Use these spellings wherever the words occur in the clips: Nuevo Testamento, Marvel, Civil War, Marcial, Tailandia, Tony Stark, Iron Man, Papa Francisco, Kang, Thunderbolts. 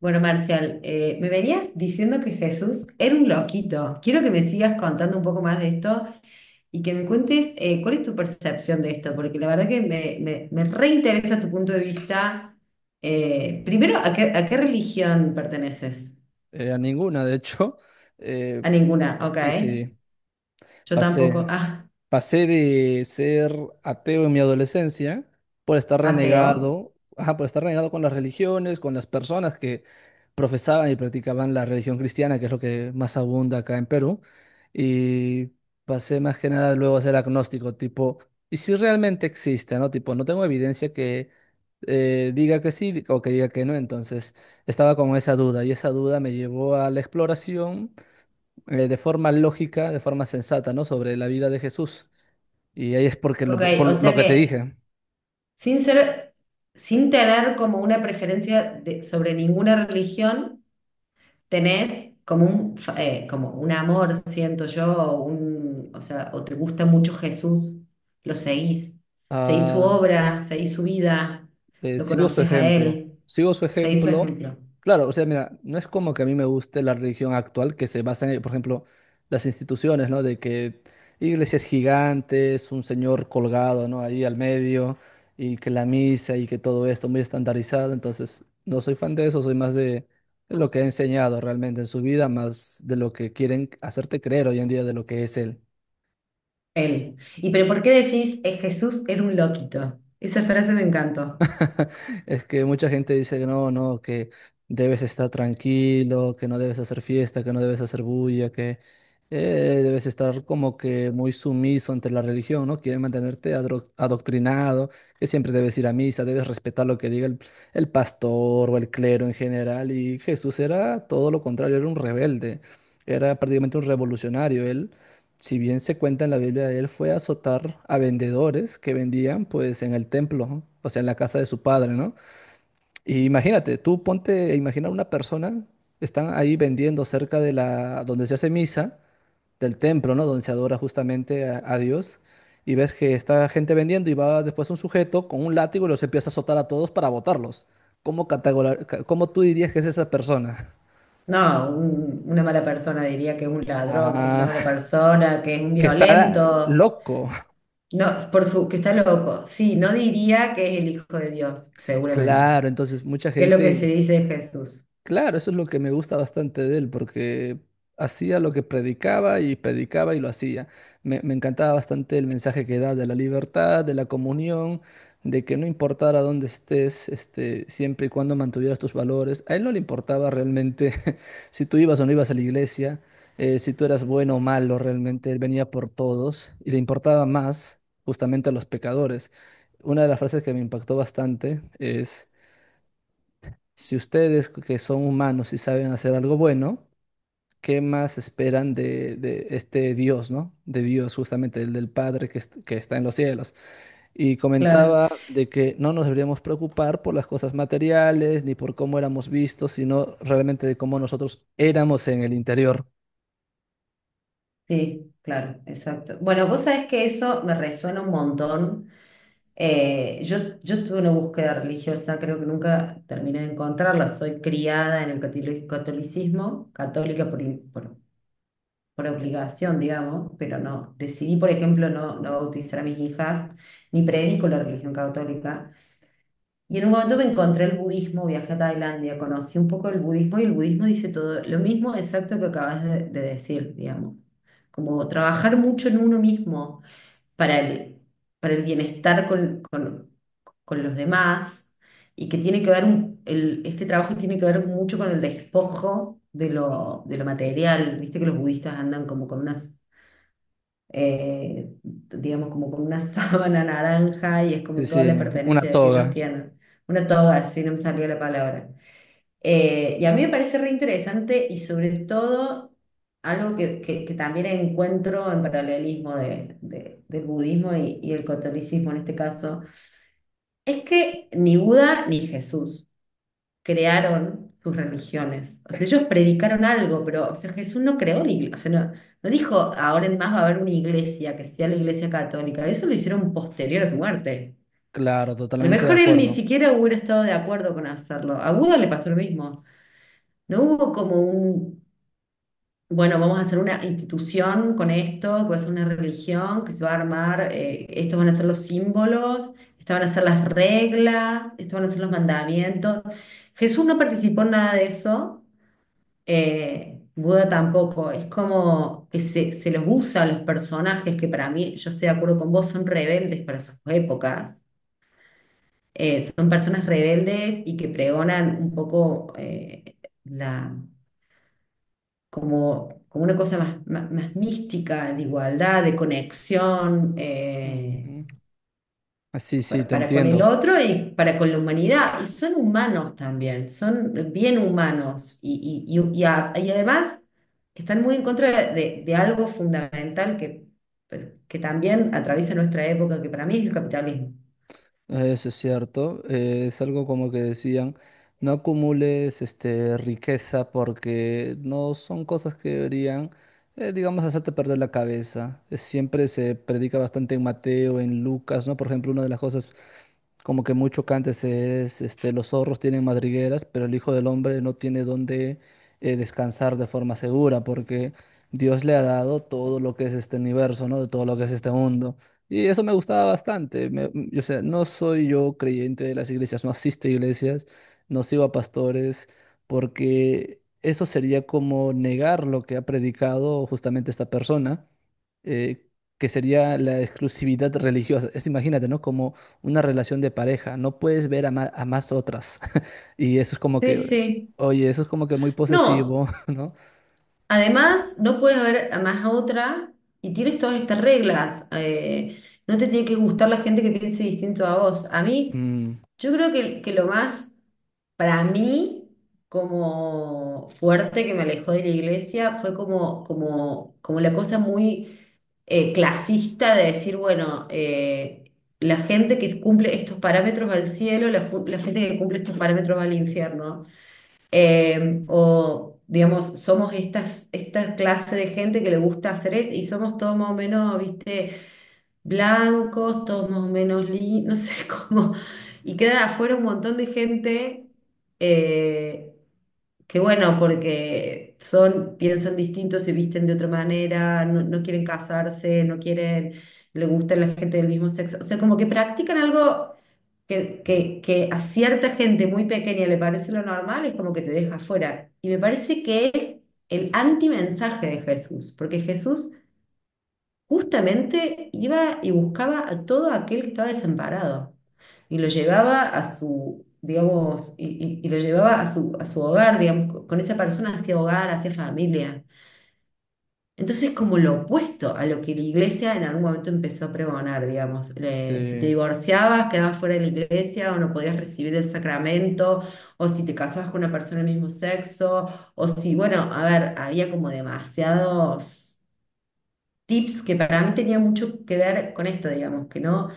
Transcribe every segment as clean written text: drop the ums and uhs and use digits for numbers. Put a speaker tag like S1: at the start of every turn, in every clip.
S1: Bueno, Marcial, me venías diciendo que Jesús era un loquito. Quiero que me sigas contando un poco más de esto y que me cuentes cuál es tu percepción de esto, porque la verdad que me reinteresa tu punto de vista. Primero, a qué religión perteneces?
S2: A ninguna, de hecho. Eh,
S1: A ninguna, ok.
S2: sí, sí,
S1: Yo tampoco.
S2: pasé. Pasé de ser ateo en mi adolescencia por estar
S1: Ateo.
S2: renegado, ajá, por estar renegado con las religiones, con las personas que profesaban y practicaban la religión cristiana, que es lo que más abunda acá en Perú. Y pasé más que nada luego a ser agnóstico, tipo, ¿y si realmente existe, no? Tipo, no tengo evidencia que diga que sí o que diga que no. Entonces, estaba con esa duda y esa duda me llevó a la exploración de forma lógica, de forma sensata, ¿no? Sobre la vida de Jesús. Y ahí es porque lo,
S1: Ok,
S2: por
S1: o
S2: lo
S1: sea
S2: que te
S1: que
S2: dije,
S1: sin ser, sin tener como una preferencia sobre ninguna religión. Tenés como un, como un amor, siento yo, o un, o sea, o te gusta mucho Jesús, lo seguís, seguís su
S2: ah,
S1: obra, seguís su vida, lo
S2: sigo su
S1: conoces a
S2: ejemplo,
S1: él,
S2: sigo su
S1: seguís su
S2: ejemplo.
S1: ejemplo,
S2: Claro, o sea, mira, no es como que a mí me guste la religión actual que se basa en, por ejemplo, las instituciones, ¿no? De que iglesias gigantes, un señor colgado, ¿no? Ahí al medio, y que la misa y que todo esto muy estandarizado. Entonces, no soy fan de eso, soy más de lo que he enseñado realmente en su vida, más de lo que quieren hacerte creer hoy en día de lo que es él.
S1: él. ¿Y pero por qué decís, Jesús era un loquito"? Esa frase me encantó.
S2: Es que mucha gente dice que no, no, que debes estar tranquilo, que no debes hacer fiesta, que no debes hacer bulla, que debes estar como que muy sumiso ante la religión, ¿no? Quieren mantenerte adoctrinado, que siempre debes ir a misa, debes respetar lo que diga el pastor o el clero en general. Y Jesús era todo lo contrario, era un rebelde, era prácticamente un revolucionario. Él, si bien se cuenta en la Biblia, él fue a azotar a vendedores que vendían pues en el templo, ¿no? O sea, en la casa de su padre, ¿no? Y imagínate, tú ponte a imaginar una persona, están ahí vendiendo cerca de la, donde se hace misa, del templo, ¿no? Donde se adora justamente a Dios, y ves que está gente vendiendo y va después un sujeto con un látigo y los empieza a azotar a todos para botarlos. Cómo tú dirías que es esa persona?
S1: No, una mala persona, diría que es un ladrón, que es una
S2: Ah,
S1: mala persona, que es un
S2: que está
S1: violento.
S2: loco.
S1: No, por su, que está loco. Sí, no diría que es el hijo de Dios, seguramente.
S2: Claro, entonces mucha
S1: Que es lo que se
S2: gente.
S1: dice de Jesús.
S2: Claro, eso es lo que me gusta bastante de él, porque hacía lo que predicaba y predicaba y lo hacía. Me encantaba bastante el mensaje que da de la libertad, de la comunión, de que no importara dónde estés, este, siempre y cuando mantuvieras tus valores. A él no le importaba realmente si tú ibas o no ibas a la iglesia, si tú eras bueno o malo, realmente él venía por todos y le importaba más justamente a los pecadores. Una de las frases que me impactó bastante es... Si ustedes que son humanos y saben hacer algo bueno, ¿qué más esperan de este Dios, ¿no? De Dios, justamente, el del Padre que está en los cielos. Y
S1: Claro,
S2: comentaba de que no nos deberíamos preocupar por las cosas materiales ni por cómo éramos vistos, sino realmente de cómo nosotros éramos en el interior.
S1: sí, claro, exacto. Bueno, vos sabés que eso me resuena un montón. Yo tuve una búsqueda religiosa, creo que nunca terminé de encontrarla. Soy criada en el catolicismo, católica por, por obligación, digamos, pero no. Decidí, por ejemplo, no, no bautizar a mis hijas, ni predico la religión católica. Y en un momento me encontré el budismo, viajé a Tailandia, conocí un poco el budismo y el budismo dice todo lo mismo exacto que acabas de decir, digamos. Como trabajar mucho en uno mismo para el, para el bienestar con, con los demás y que tiene que ver, el, este trabajo tiene que ver mucho con el despojo de lo material. Viste que los budistas andan como con unas digamos, como con una sábana naranja y es
S2: Sí,
S1: como toda la
S2: sí, una
S1: pertenencia de que ellos
S2: toga.
S1: tienen. Una toga, si no me salió la palabra. Y a mí me parece re interesante y sobre todo algo que, que también encuentro en paralelismo del budismo y el catolicismo en este caso, es que ni Buda ni Jesús crearon sus religiones. O sea, ellos predicaron algo, pero o sea, Jesús no creó la iglesia. O sea, no, no dijo, ahora en más va a haber una iglesia que sea la iglesia católica. Eso lo hicieron posterior a su muerte.
S2: Claro,
S1: A lo
S2: totalmente de
S1: mejor él ni
S2: acuerdo.
S1: siquiera hubiera estado de acuerdo con hacerlo. A Buda le pasó lo mismo. No hubo como un, bueno, vamos a hacer una institución con esto, que va a ser una religión, que se va a armar, estos van a ser los símbolos, estas van a ser las reglas, estos van a ser los mandamientos. Jesús no participó en nada de eso. Buda tampoco, es como que se los usa a los personajes que para mí, yo estoy de acuerdo con vos, son rebeldes para sus épocas. Son personas rebeldes y que pregonan un poco la, como, como una cosa más, más, más mística, de igualdad, de conexión.
S2: Mm, mm. Ah, sí, sí, te
S1: Para con el
S2: entiendo.
S1: otro y para con la humanidad. Y son humanos también, son bien humanos. Y, y además están muy en contra de algo fundamental que también atraviesa nuestra época, que para mí es el capitalismo.
S2: Eso es cierto, es algo como que decían, no acumules este, riqueza porque no son cosas que deberían, digamos, hacerte perder la cabeza. Siempre se predica bastante en Mateo, en Lucas, ¿no? Por ejemplo, una de las cosas como que muy chocantes es, este, los zorros tienen madrigueras, pero el Hijo del Hombre no tiene dónde descansar de forma segura porque Dios le ha dado todo lo que es este universo, ¿no? De todo lo que es este mundo. Y eso me gustaba bastante. O sea, no soy yo creyente de las iglesias, no asisto a iglesias, no sigo a pastores, porque eso sería como negar lo que ha predicado justamente esta persona, eh, que sería la exclusividad religiosa. Es, imagínate, ¿no? Como una relación de pareja, no puedes ver a más otras. Y eso es como
S1: Sí,
S2: que,
S1: sí.
S2: oye, eso es como que muy
S1: No,
S2: posesivo, ¿no?
S1: además, no puedes ver a más a otra y tienes todas estas reglas. No te tiene que gustar la gente que piense distinto a vos. A mí,
S2: Mm,
S1: yo creo que lo más, para mí, como fuerte que me alejó de la iglesia fue como, como, como la cosa muy clasista de decir, bueno, la gente que cumple estos parámetros va al cielo, la, la gente que cumple estos parámetros va al infierno. O, digamos, somos estas, esta clase de gente que le gusta hacer eso y somos todos más o menos, viste, blancos, todos más o menos, no sé cómo. Y queda afuera un montón de gente. eh, Qué bueno, porque son, piensan distintos, se visten de otra manera, no, no quieren casarse, no quieren, le gusta la gente del mismo sexo. O sea, como que practican algo que a cierta gente muy pequeña le parece lo normal, es como que te deja fuera. Y me parece que es el antimensaje de Jesús, porque Jesús justamente iba y buscaba a todo aquel que estaba desamparado y lo llevaba a su, digamos, y, y lo llevaba a su hogar, digamos, con esa persona hacia hogar, hacia familia. Entonces, como lo opuesto a lo que la iglesia en algún momento empezó a pregonar, digamos, si te
S2: sí.
S1: divorciabas, quedabas fuera de la iglesia o no podías recibir el sacramento, o si te casabas con una persona del mismo sexo, o si, bueno, a ver, había como demasiados tips que para mí tenía mucho que ver con esto, digamos, que no,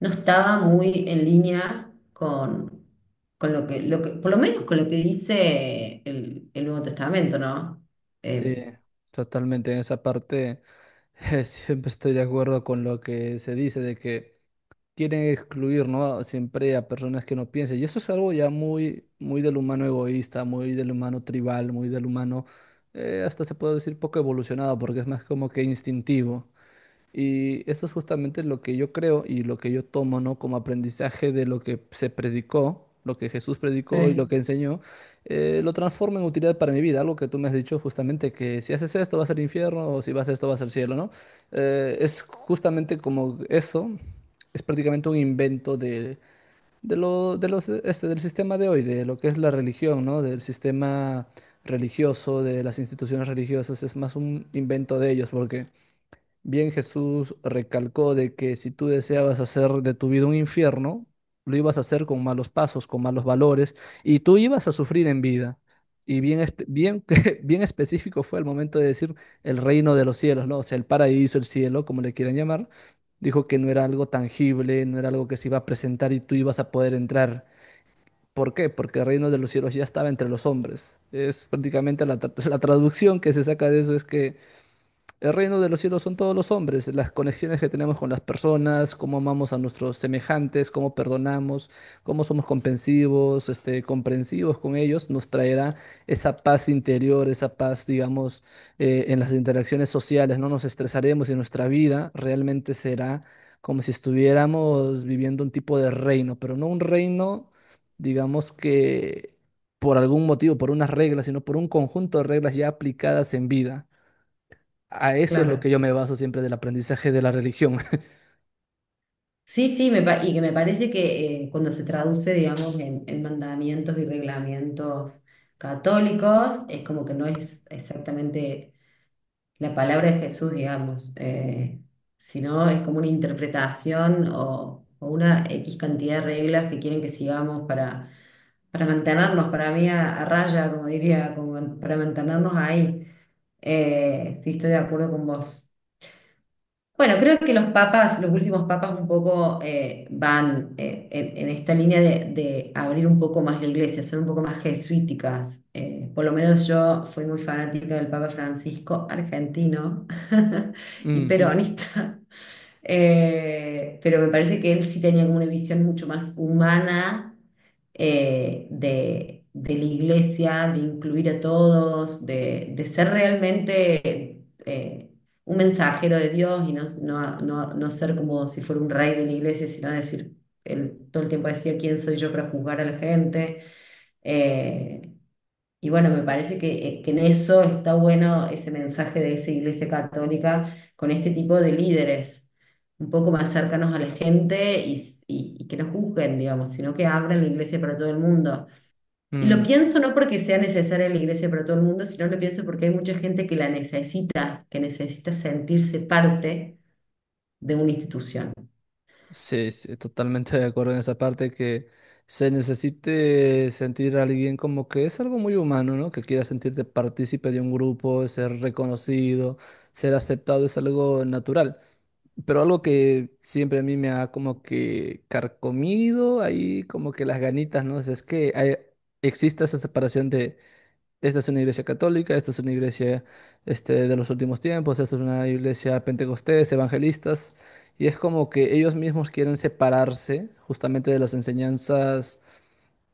S1: no estaba muy en línea con lo que, por lo menos con lo que dice el Nuevo Testamento, ¿no?
S2: Sí,
S1: Eh,
S2: totalmente. En esa parte siempre estoy de acuerdo con lo que se dice de que quieren excluir, ¿no? Siempre a personas que no piensen. Y eso es algo ya muy, muy del humano egoísta, muy del humano tribal, muy del humano, hasta se puede decir poco evolucionado, porque es más como que instintivo. Y eso es justamente lo que yo creo y lo que yo tomo, ¿no? Como aprendizaje de lo que se predicó, lo que Jesús predicó y lo
S1: sí,
S2: que enseñó, lo transformo en utilidad para mi vida. Algo que tú me has dicho justamente que si haces esto vas al infierno o si vas a esto vas al cielo, ¿no? Es justamente como eso, es prácticamente un invento de este, del sistema de hoy, de lo que es la religión, ¿no? Del sistema religioso, de las instituciones religiosas, es más un invento de ellos porque... Bien, Jesús recalcó de que si tú deseabas hacer de tu vida un infierno, lo ibas a hacer con malos pasos, con malos valores, y tú ibas a sufrir en vida. Y bien, bien, bien específico fue el momento de decir el reino de los cielos, ¿no? O sea, el paraíso, el cielo, como le quieran llamar. Dijo que no era algo tangible, no era algo que se iba a presentar y tú ibas a poder entrar. ¿Por qué? Porque el reino de los cielos ya estaba entre los hombres. Es prácticamente la traducción que se saca de eso es que el reino de los cielos son todos los hombres, las conexiones que tenemos con las personas, cómo amamos a nuestros semejantes, cómo perdonamos, cómo somos comprensivos, este, comprensivos con ellos, nos traerá esa paz interior, esa paz, digamos, en las interacciones sociales, no nos estresaremos y nuestra vida realmente será como si estuviéramos viviendo un tipo de reino, pero no un reino, digamos que por algún motivo, por unas reglas, sino por un conjunto de reglas ya aplicadas en vida. A eso es lo que
S1: claro.
S2: yo me baso siempre del aprendizaje de la religión.
S1: Sí, sí, y que me parece que cuando se traduce, digamos, en mandamientos y reglamentos católicos, es como que no es exactamente la palabra de Jesús, digamos. Si no, es como una interpretación o una X cantidad de reglas que quieren que sigamos para mantenernos, para mí, a raya, como diría, como para mantenernos ahí. Sí, estoy de acuerdo con vos. Bueno, creo que los papas, los últimos papas un poco van en esta línea de abrir un poco más la iglesia, son un poco más jesuíticas. Por lo menos yo fui muy fanática del Papa Francisco, argentino y
S2: Ujú,
S1: peronista. Pero me parece que él sí tenía como una visión mucho más humana de la iglesia, de incluir a todos, de ser realmente... un mensajero de Dios y no, no, no, no ser como si fuera un rey de la iglesia, sino decir, él todo el tiempo decía, ¿quién soy yo para juzgar a la gente? Eh, y bueno, me parece que en eso está bueno ese mensaje de esa iglesia católica con este tipo de líderes, un poco más cercanos a la gente y, y que no juzguen, digamos, sino que abran la iglesia para todo el mundo. Y lo
S2: mm.
S1: pienso no porque sea necesaria la iglesia para todo el mundo, sino lo pienso porque hay mucha gente que la necesita, que necesita sentirse parte de una institución,
S2: Sí, sí, totalmente de acuerdo en esa parte que se necesite sentir a alguien como que es algo muy humano, ¿no? Que quiera sentirte partícipe de un grupo, ser reconocido, ser aceptado es algo natural. Pero algo que siempre a mí me ha como que carcomido ahí como que las ganitas, ¿no? O sea, es que exista esa separación de. Esta es una iglesia católica, esta es una iglesia este, de los últimos tiempos, esta es una iglesia pentecostés, evangelistas, y es como que ellos mismos quieren separarse justamente de las enseñanzas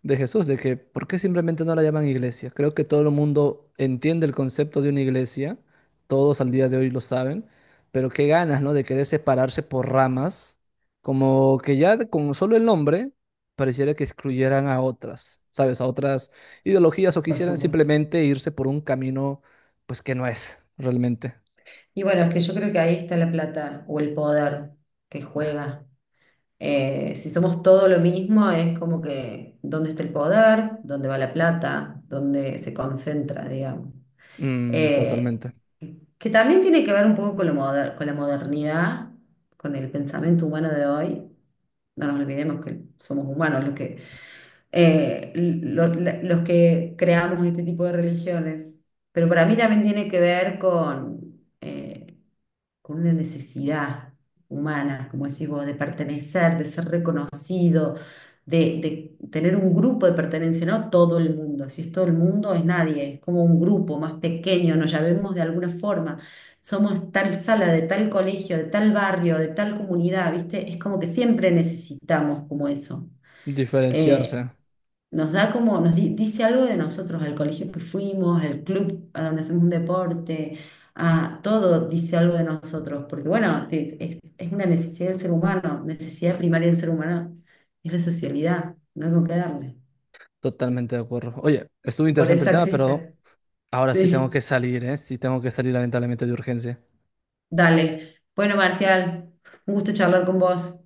S2: de Jesús, de que ¿por qué simplemente no la llaman iglesia? Creo que todo el mundo entiende el concepto de una iglesia, todos al día de hoy lo saben, pero qué ganas, ¿no? De querer separarse por ramas, como que ya con solo el nombre pareciera que excluyeran a otras, ¿sabes? A otras ideologías o
S1: por
S2: quisieran
S1: supuesto.
S2: simplemente irse por un camino, pues que no es realmente.
S1: Y bueno, es que yo creo que ahí está la plata o el poder que juega. Si somos todo lo mismo, es como que dónde está el poder, dónde va la plata, dónde se concentra, digamos.
S2: Mm,
S1: Eh,
S2: totalmente.
S1: que también tiene que ver un poco con, con la modernidad, con el pensamiento humano de hoy. No nos olvidemos que somos humanos los que, los que creamos este tipo de religiones. Pero para mí también tiene que ver eh, con una necesidad humana, como decís vos, de pertenecer, de ser reconocido de, de tener un grupo de pertenencia, no todo el mundo, si es todo el mundo es nadie, es como un grupo más pequeño, nos llamemos de alguna forma, somos tal sala, de tal colegio, de tal barrio, de tal comunidad, ¿viste? Es como que siempre necesitamos como eso.
S2: Diferenciarse.
S1: Eh, Nos da como, dice algo de nosotros, al colegio que fuimos, al club a donde hacemos un deporte, a todo dice algo de nosotros, porque bueno, es una necesidad del ser humano, necesidad primaria del ser humano es la socialidad, no hay con qué darle.
S2: Totalmente de acuerdo. Oye, estuvo
S1: Y por
S2: interesante el
S1: eso
S2: tema, pero
S1: existe.
S2: ahora sí tengo que
S1: Sí,
S2: salir, ¿eh? Sí tengo que salir lamentablemente de urgencia.
S1: dale. Bueno, Marcial, un gusto charlar con vos.